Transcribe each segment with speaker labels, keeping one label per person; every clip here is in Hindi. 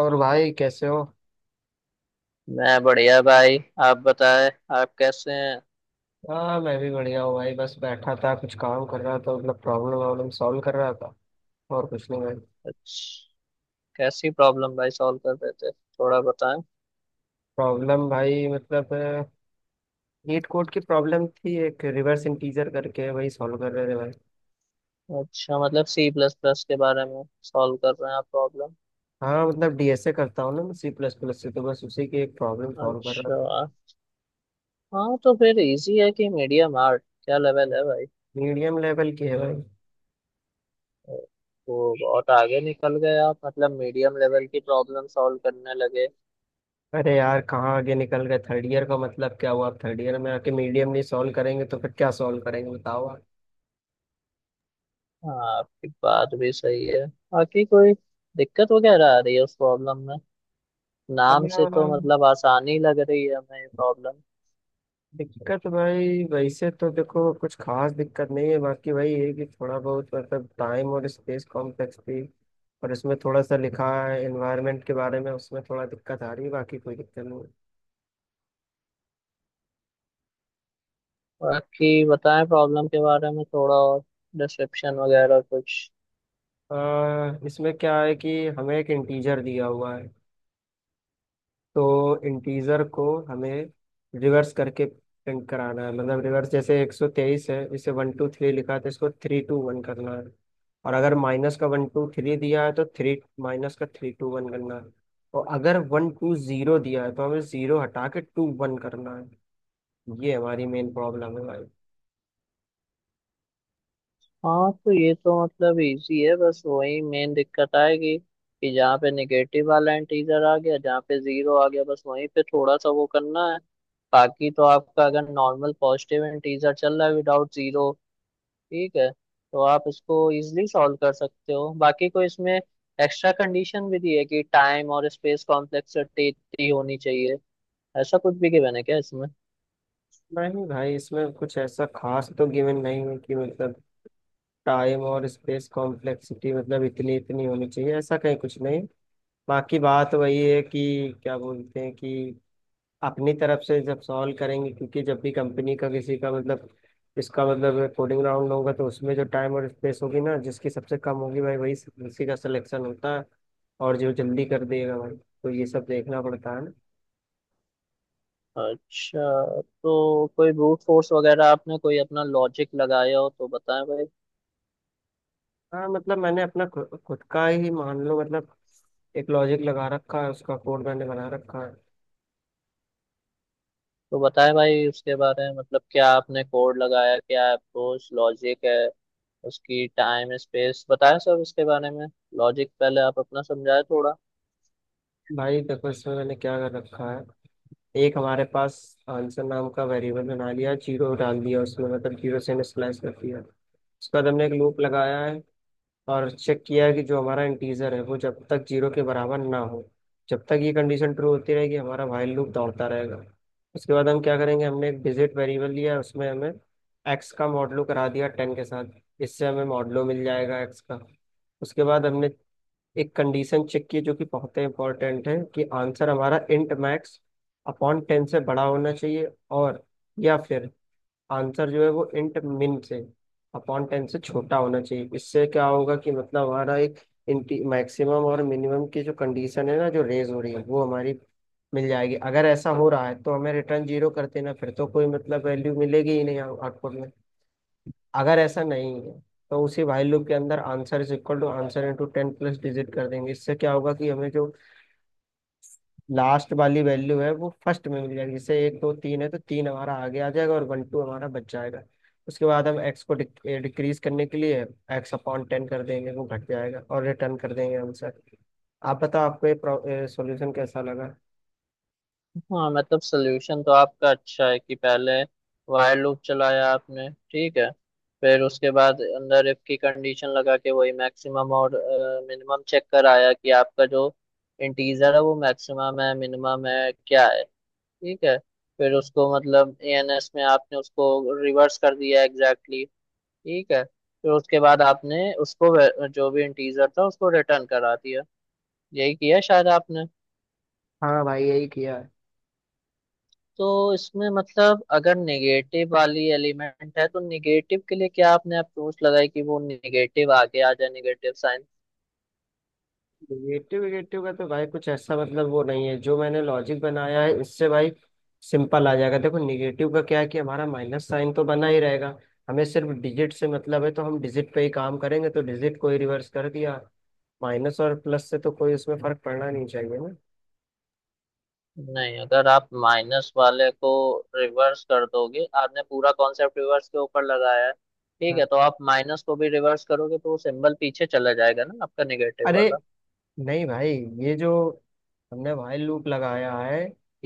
Speaker 1: और भाई कैसे हो।
Speaker 2: मैं बढ़िया भाई। आप बताएं, आप कैसे हैं?
Speaker 1: हाँ मैं भी बढ़िया हूँ भाई, बस बैठा था कुछ काम कर रहा था, मतलब प्रॉब्लम वॉब्लम सॉल्व कर रहा था और कुछ नहीं भाई।
Speaker 2: अच्छा, कैसी प्रॉब्लम भाई सॉल्व कर रहे थे, थोड़ा बताएं।
Speaker 1: प्रॉब्लम भाई मतलब नीट कोड की प्रॉब्लम थी, एक रिवर्स इंटीजर करके, वही सॉल्व कर रहे थे भाई।
Speaker 2: अच्छा, मतलब सी प्लस प्लस के बारे में सॉल्व कर रहे हैं आप प्रॉब्लम?
Speaker 1: हाँ मतलब डीएसए करता हूँ ना मैं सी प्लस प्लस से, तो बस उसी की एक प्रॉब्लम सॉल्व कर रहा था।
Speaker 2: अच्छा। हाँ तो फिर इजी है कि मीडियम, आर्ट क्या लेवल है भाई?
Speaker 1: मीडियम लेवल की है भाई।
Speaker 2: वो बहुत आगे निकल गए आप, मतलब मीडियम लेवल की प्रॉब्लम सॉल्व करने लगे।
Speaker 1: अरे यार कहाँ आगे निकल गए, थर्ड ईयर का मतलब क्या हुआ, थर्ड ईयर में आके मीडियम नहीं सॉल्व करेंगे तो फिर क्या सॉल्व करेंगे बताओ आप।
Speaker 2: हाँ, आपकी बात भी सही है। बाकी कोई दिक्कत वगैरह आ रही है उस प्रॉब्लम में? नाम से तो
Speaker 1: हाँ,
Speaker 2: मतलब आसानी लग रही है हमें ये प्रॉब्लम।
Speaker 1: दिक्कत तो भाई वैसे तो देखो कुछ खास दिक्कत नहीं है, बाकी वही है कि थोड़ा बहुत मतलब टाइम और स्पेस कॉम्प्लेक्स थी। और इसमें थोड़ा सा लिखा है एनवायरनमेंट के बारे में, उसमें थोड़ा दिक्कत आ रही है, बाकी कोई दिक्कत नहीं है।
Speaker 2: बाकी बताएं प्रॉब्लम के बारे में थोड़ा और, डिस्क्रिप्शन वगैरह कुछ।
Speaker 1: इसमें क्या है कि हमें एक इंटीजर दिया हुआ है, तो इंटीजर को हमें रिवर्स करके प्रिंट कराना है, मतलब रिवर्स जैसे 123 है, इसे वन टू थ्री लिखा है, तो इसको थ्री टू वन करना है। और अगर माइनस का वन टू थ्री दिया है तो थ्री माइनस का थ्री टू वन करना है। और अगर वन टू जीरो दिया है तो हमें जीरो हटा के टू वन करना है। ये हमारी मेन प्रॉब्लम है।
Speaker 2: हाँ तो ये तो मतलब इजी है, बस वही मेन दिक्कत आएगी कि जहाँ पे निगेटिव वाला इंटीजर आ गया, जहाँ पे जीरो आ गया, बस वहीं पे थोड़ा सा वो करना है। बाकी तो आपका अगर नॉर्मल पॉजिटिव इंटीजर चल रहा है विदाउट जीरो, ठीक है, तो आप इसको इजिली सॉल्व कर सकते हो। बाकी कोई इसमें एक्स्ट्रा कंडीशन भी दी है कि टाइम और स्पेस कॉम्प्लेक्सिटी होनी चाहिए, ऐसा कुछ भी given है क्या इसमें?
Speaker 1: भाई नहीं भाई, इसमें कुछ ऐसा खास तो गिवन नहीं है कि मतलब टाइम और स्पेस कॉम्प्लेक्सिटी मतलब इतनी इतनी होनी चाहिए, ऐसा कहीं कुछ नहीं। बाकी बात वही है कि क्या बोलते हैं कि अपनी तरफ से जब सॉल्व करेंगे, क्योंकि जब भी कंपनी का किसी का मतलब इसका मतलब कोडिंग राउंड होगा तो उसमें जो टाइम और स्पेस होगी ना, जिसकी सबसे कम होगी भाई वही, उसी का सिलेक्शन होता है। और जो जल्दी कर देगा भाई, तो ये सब देखना पड़ता है ना।
Speaker 2: अच्छा, तो कोई ब्रूट फोर्स वगैरह आपने कोई अपना लॉजिक लगाया हो तो बताएं भाई।
Speaker 1: हाँ मतलब मैंने अपना खुद का ही, मान लो मतलब एक लॉजिक लगा रखा है, उसका कोड मैंने बना रखा है।
Speaker 2: तो बताएं भाई उसके बारे में, मतलब क्या आपने कोड लगाया, क्या अप्रोच लॉजिक है, उसकी टाइम स्पेस बताएं, सब इसके बारे में। लॉजिक पहले आप अपना समझाएं थोड़ा।
Speaker 1: भाई देखो इसमें मैंने क्या कर रखा है, एक हमारे पास आंसर नाम का वेरिएबल बना लिया, जीरो डाल दिया उसमें, मतलब जीरो से हमने स्लैश कर दिया। उसके बाद हमने एक लूप लगाया है और चेक किया है कि जो हमारा इंटीजर है वो जब तक जीरो के बराबर ना हो, जब तक ये कंडीशन ट्रू होती रहेगी हमारा व्हाइल लूप दौड़ता रहेगा। उसके बाद हम क्या करेंगे, हमने एक डिजिट वेरिएबल लिया है, उसमें हमें एक्स का मॉडलो करा दिया टेन के साथ, इससे हमें मॉडलो मिल जाएगा एक्स का। उसके बाद हमने एक कंडीशन चेक की है जो कि बहुत ही इंपॉर्टेंट है, कि आंसर हमारा इंट मैक्स अपॉन टेन से बड़ा होना चाहिए, और या फिर आंसर जो है वो इंट मिन से अपॉन टेन से छोटा होना चाहिए। इससे क्या होगा कि मतलब हमारा एक इंटी मैक्सिमम और मिनिमम की जो कंडीशन है ना, जो रेज हो रही है वो हमारी मिल जाएगी। अगर ऐसा हो रहा है तो हमें रिटर्न जीरो कर देना, फिर तो कोई मतलब वैल्यू मिलेगी ही नहीं आउटपुट में। अगर ऐसा नहीं है तो उसी while लूप के अंदर answer is equal to answer into ten plus digit कर देंगे, इससे क्या होगा कि हमें जो लास्ट वाली वैल्यू है वो फर्स्ट में मिल जाएगी, जैसे एक दो तीन है तो तीन हमारा आगे आ जाएगा और वन टू हमारा बच जाएगा। उसके बाद हम एक्स को डिक्रीज करने के लिए एक्स अपॉन टेन कर देंगे, वो घट जाएगा और रिटर्न कर देंगे आंसर। आप बताओ आपको ये सॉल्यूशन कैसा लगा।
Speaker 2: हाँ मतलब सोल्यूशन तो आपका अच्छा है कि पहले while लूप चलाया आपने, ठीक है, फिर उसके बाद अंदर इफ की कंडीशन लगा के वही मैक्सिमम और मिनिमम चेक कराया कि आपका जो इंटीजर है वो मैक्सिमम है, मिनिमम है, क्या है। ठीक है, फिर उसको मतलब एएनएस में आपने उसको रिवर्स कर दिया एग्जैक्टली ठीक है, फिर उसके बाद आपने उसको जो भी इंटीजर था उसको रिटर्न करा दिया। यही किया शायद आपने।
Speaker 1: हाँ भाई यही किया है।
Speaker 2: तो इसमें मतलब अगर नेगेटिव वाली एलिमेंट है तो नेगेटिव के लिए क्या आपने अप्रोच लगाई कि वो नेगेटिव आगे आ जाए, नेगेटिव साइन?
Speaker 1: निगेटिव निगेटिव का तो भाई कुछ ऐसा मतलब वो नहीं है, जो मैंने लॉजिक बनाया है इससे भाई सिंपल आ जाएगा। देखो निगेटिव का क्या है कि हमारा माइनस साइन तो बना ही रहेगा, हमें सिर्फ डिजिट से मतलब है तो हम डिजिट पे ही काम करेंगे, तो डिजिट को ही रिवर्स कर दिया। माइनस और प्लस से तो कोई उसमें फर्क पड़ना नहीं चाहिए ना।
Speaker 2: नहीं, अगर आप माइनस वाले को रिवर्स कर दोगे, आपने पूरा कॉन्सेप्ट रिवर्स के ऊपर लगाया है, ठीक
Speaker 1: हाँ।
Speaker 2: है, तो आप माइनस को भी रिवर्स करोगे तो वो सिंबल पीछे चला जाएगा ना आपका नेगेटिव
Speaker 1: अरे
Speaker 2: वाला।
Speaker 1: नहीं भाई, ये जो हमने भाई लूप लगाया है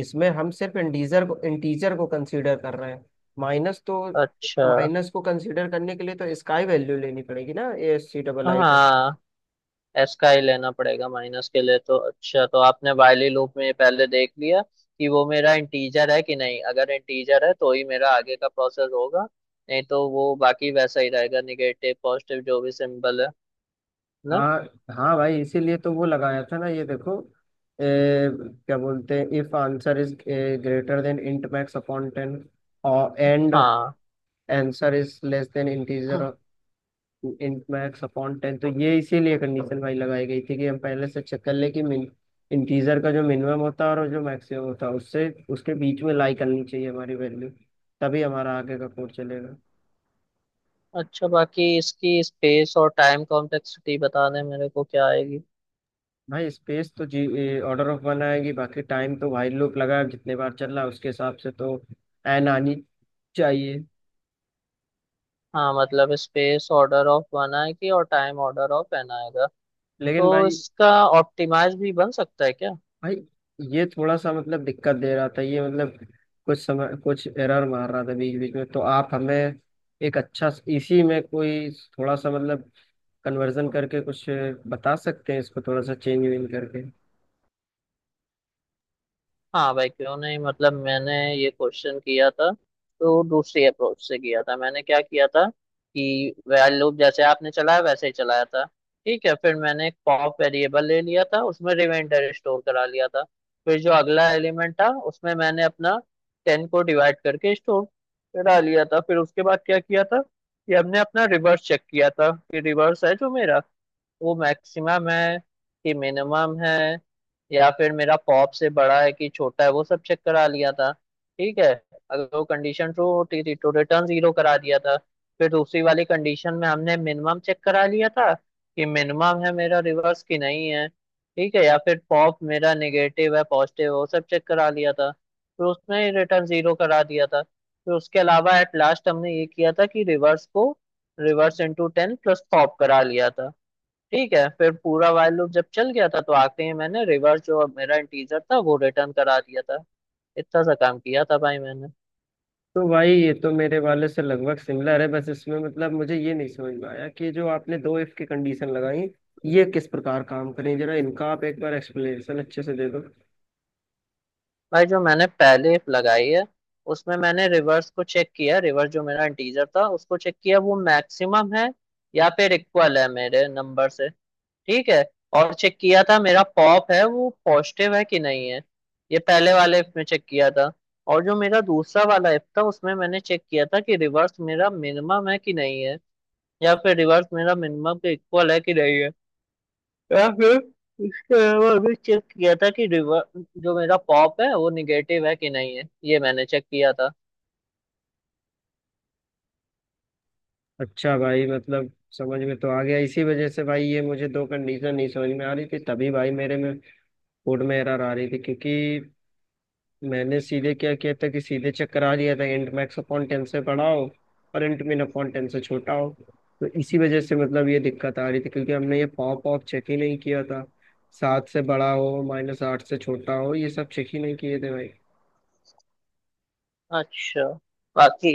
Speaker 1: इसमें हम सिर्फ इंटीजर को कंसीडर कर रहे हैं, माइनस तो
Speaker 2: अच्छा।
Speaker 1: माइनस को कंसीडर करने के लिए तो इसकाई वैल्यू लेनी पड़ेगी ना A S C double I का।
Speaker 2: हाँ, एस का ही लेना पड़ेगा माइनस के लिए तो। अच्छा, तो आपने वाइली लूप में पहले देख लिया कि वो मेरा इंटीजर है कि नहीं, अगर इंटीजर है तो ही मेरा आगे का प्रोसेस होगा, नहीं तो वो बाकी वैसा ही रहेगा निगेटिव पॉजिटिव जो भी सिंबल है ना।
Speaker 1: हाँ हाँ भाई इसीलिए तो वो लगाया था ना, ये देखो, ए, क्या बोलते हैं, if answer is greater than int max upon ten और एंड
Speaker 2: हाँ।
Speaker 1: Answer is less than integer int max upon ten, तो ये इसीलिए कंडीशन भाई लगाई गई थी, कि हम पहले से चेक कर ले कि मिन इंटीजर का जो मिनिमम होता है और जो मैक्सिमम होता है, उससे उसके बीच में लाई करनी चाहिए हमारी वैल्यू, तभी हमारा आगे का कोड चलेगा।
Speaker 2: अच्छा बाकी इसकी स्पेस और टाइम कॉम्प्लेक्सिटी बता दें मेरे को क्या आएगी।
Speaker 1: भाई स्पेस तो जी ऑर्डर ऑफ वन आएगी, बाकी टाइम तो भाई लूप लगा है, जितने बार चल रहा है उसके हिसाब से तो एन आनी चाहिए।
Speaker 2: हाँ मतलब स्पेस ऑर्डर ऑफ वन आएगी और टाइम ऑर्डर ऑफ एन आएगा।
Speaker 1: लेकिन
Speaker 2: तो
Speaker 1: भाई,
Speaker 2: इसका ऑप्टिमाइज भी बन सकता है क्या?
Speaker 1: भाई ये थोड़ा सा मतलब दिक्कत दे रहा था, ये मतलब कुछ समय कुछ एरर मार रहा था बीच बीच में, तो आप हमें एक अच्छा इसी में कोई थोड़ा सा मतलब कन्वर्जन करके कुछ बता सकते हैं इसको थोड़ा सा चेंज वेंज करके।
Speaker 2: हाँ भाई क्यों नहीं, मतलब मैंने ये क्वेश्चन किया था तो दूसरी अप्रोच से किया था। मैंने क्या किया था कि while लूप जैसे आपने चलाया वैसे ही चलाया था। ठीक है, फिर मैंने एक पॉप वेरिएबल ले लिया था, उसमें रिमाइंडर स्टोर करा लिया था। फिर जो अगला एलिमेंट था उसमें मैंने अपना टेन को डिवाइड करके स्टोर करा लिया था। फिर उसके बाद क्या किया था कि हमने अपना रिवर्स चेक किया था कि रिवर्स है जो मेरा, वो मैक्सिमम है कि मिनिमम है, या फिर मेरा पॉप से बड़ा है कि छोटा है, वो सब चेक करा लिया था। ठीक है, अगर वो कंडीशन ट्रू होती थी तो रिटर्न जीरो करा दिया था। फिर दूसरी वाली कंडीशन में हमने मिनिमम चेक करा लिया था कि मिनिमम है मेरा रिवर्स कि नहीं है, ठीक है, या फिर पॉप मेरा नेगेटिव है पॉजिटिव है, वो सब चेक करा लिया था फिर उसमें रिटर्न जीरो करा दिया था। फिर उसके अलावा एट लास्ट हमने ये किया था कि रिवर्स को reverse into ten plus pop करा लिया था। ठीक है, फिर पूरा वाइल लूप जब चल गया था तो आखिरी में मैंने रिवर्स जो मेरा इंटीजर था वो रिटर्न करा दिया था। इतना सा काम किया था भाई मैंने।
Speaker 1: तो भाई ये तो मेरे वाले से लगभग सिमिलर है, बस इसमें मतलब मुझे ये नहीं समझ में आया कि जो आपने दो इफ की कंडीशन लगाई, ये किस प्रकार काम करें, जरा इनका आप एक बार एक्सप्लेनेशन अच्छे से दे।
Speaker 2: भाई जो मैंने पहले if लगाई है उसमें मैंने रिवर्स को चेक किया, रिवर्स जो मेरा इंटीजर था उसको चेक किया, वो मैक्सिमम है या फिर इक्वल है मेरे नंबर से, ठीक है, और चेक किया था मेरा पॉप है वो पॉजिटिव है कि नहीं है, ये पहले वाले इफ में चेक किया था। और जो मेरा दूसरा वाला इफ था उसमें मैंने चेक किया था कि रिवर्स मेरा मिनिमम है कि नहीं है, या फिर रिवर्स मेरा मिनिमम के इक्वल है कि नहीं है, या फिर इसके अलावा अभी चेक किया था कि रिवर्स जो मेरा पॉप है वो निगेटिव है कि नहीं है, ये मैंने चेक किया था।
Speaker 1: अच्छा भाई मतलब समझ में तो आ गया, इसी वजह से भाई ये मुझे दो कंडीशन नहीं समझ में आ रही थी, तभी भाई मेरे में कोड में एरर आ रही थी, क्योंकि मैंने सीधे क्या किया था कि सीधे चेक करा लिया था इंट मैक्स अपॉन टेन से बड़ा हो और इंट मिन अपॉन टेन से छोटा हो। तो इसी वजह से मतलब ये दिक्कत आ रही थी, क्योंकि हमने ये पॉप ऑफ चेक ही नहीं किया था, सात से बड़ा हो माइनस आठ से छोटा हो, ये सब चेक ही नहीं किए थे भाई।
Speaker 2: अच्छा, बाकी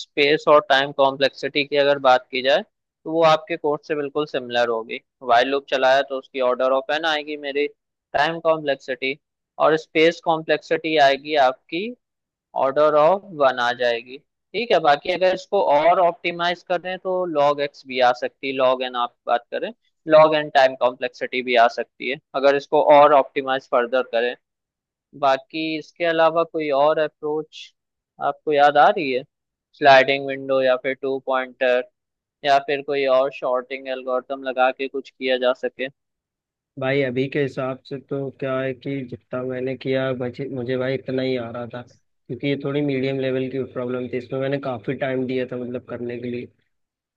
Speaker 2: स्पेस और टाइम कॉम्प्लेक्सिटी की अगर बात की जाए तो वो आपके कोर्स से बिल्कुल सिमिलर होगी। वाइल लूप चलाया तो उसकी ऑर्डर ऑफ एन आएगी मेरी टाइम कॉम्प्लेक्सिटी, और स्पेस कॉम्प्लेक्सिटी आएगी आपकी ऑर्डर ऑफ वन आ जाएगी। ठीक है, बाकी अगर इसको और ऑप्टिमाइज करें तो लॉग एक्स भी आ सकती है, लॉग एन आप बात करें, लॉग एन टाइम कॉम्प्लेक्सिटी भी आ सकती है अगर इसको और ऑप्टिमाइज फर्दर करें। बाकी इसके अलावा कोई और अप्रोच आपको याद आ रही है? स्लाइडिंग विंडो या फिर टू पॉइंटर, या फिर कोई और शॉर्टिंग एल्गोरिथम लगा के कुछ किया जा सके?
Speaker 1: भाई अभी के हिसाब से तो क्या है कि जितना मैंने किया बचे मुझे भाई इतना ही आ रहा था, क्योंकि ये थोड़ी मीडियम लेवल की प्रॉब्लम थी, इसमें मैंने काफ़ी टाइम दिया था मतलब करने के लिए।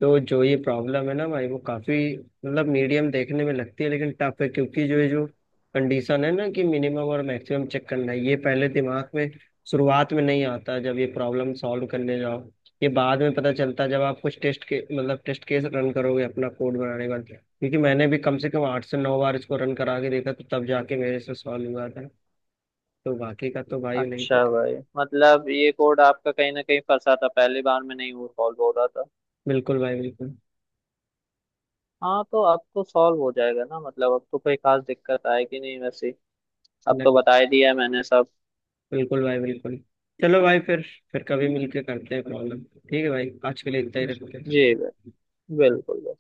Speaker 1: तो जो ये प्रॉब्लम है ना भाई, वो काफी मतलब मीडियम देखने में लगती है लेकिन टफ है, क्योंकि जो ये जो कंडीशन है ना कि मिनिमम और मैक्सिमम चेक करना है, ये पहले दिमाग में शुरुआत में नहीं आता जब ये प्रॉब्लम सॉल्व करने जाओ, ये बाद में पता चलता है जब आप कुछ टेस्ट के मतलब टेस्ट केस रन करोगे अपना कोड बनाने के बाद, क्योंकि मैंने भी कम से कम आठ से नौ बार इसको रन करा के देखा, तो तब जाके मेरे से सॉल्व हुआ था। तो बाकी का तो भाई नहीं
Speaker 2: अच्छा
Speaker 1: पता।
Speaker 2: भाई, मतलब ये कोड आपका कहीं ना कहीं फंसा था, पहली बार में नहीं वो सॉल्व हो रहा था।
Speaker 1: बिल्कुल भाई बिल्कुल।
Speaker 2: हाँ तो अब तो सॉल्व हो जाएगा ना, मतलब अब तो कोई खास दिक्कत आएगी नहीं वैसे, अब तो बता ही दिया मैंने सब।
Speaker 1: बिल्कुल भाई बिल्कुल। चलो भाई फिर कभी मिलके करते हैं प्रॉब्लम। ठीक है भाई, आज के लिए इतना ही रखते
Speaker 2: जी,
Speaker 1: हैं।
Speaker 2: बिल्कुल बिल्कुल।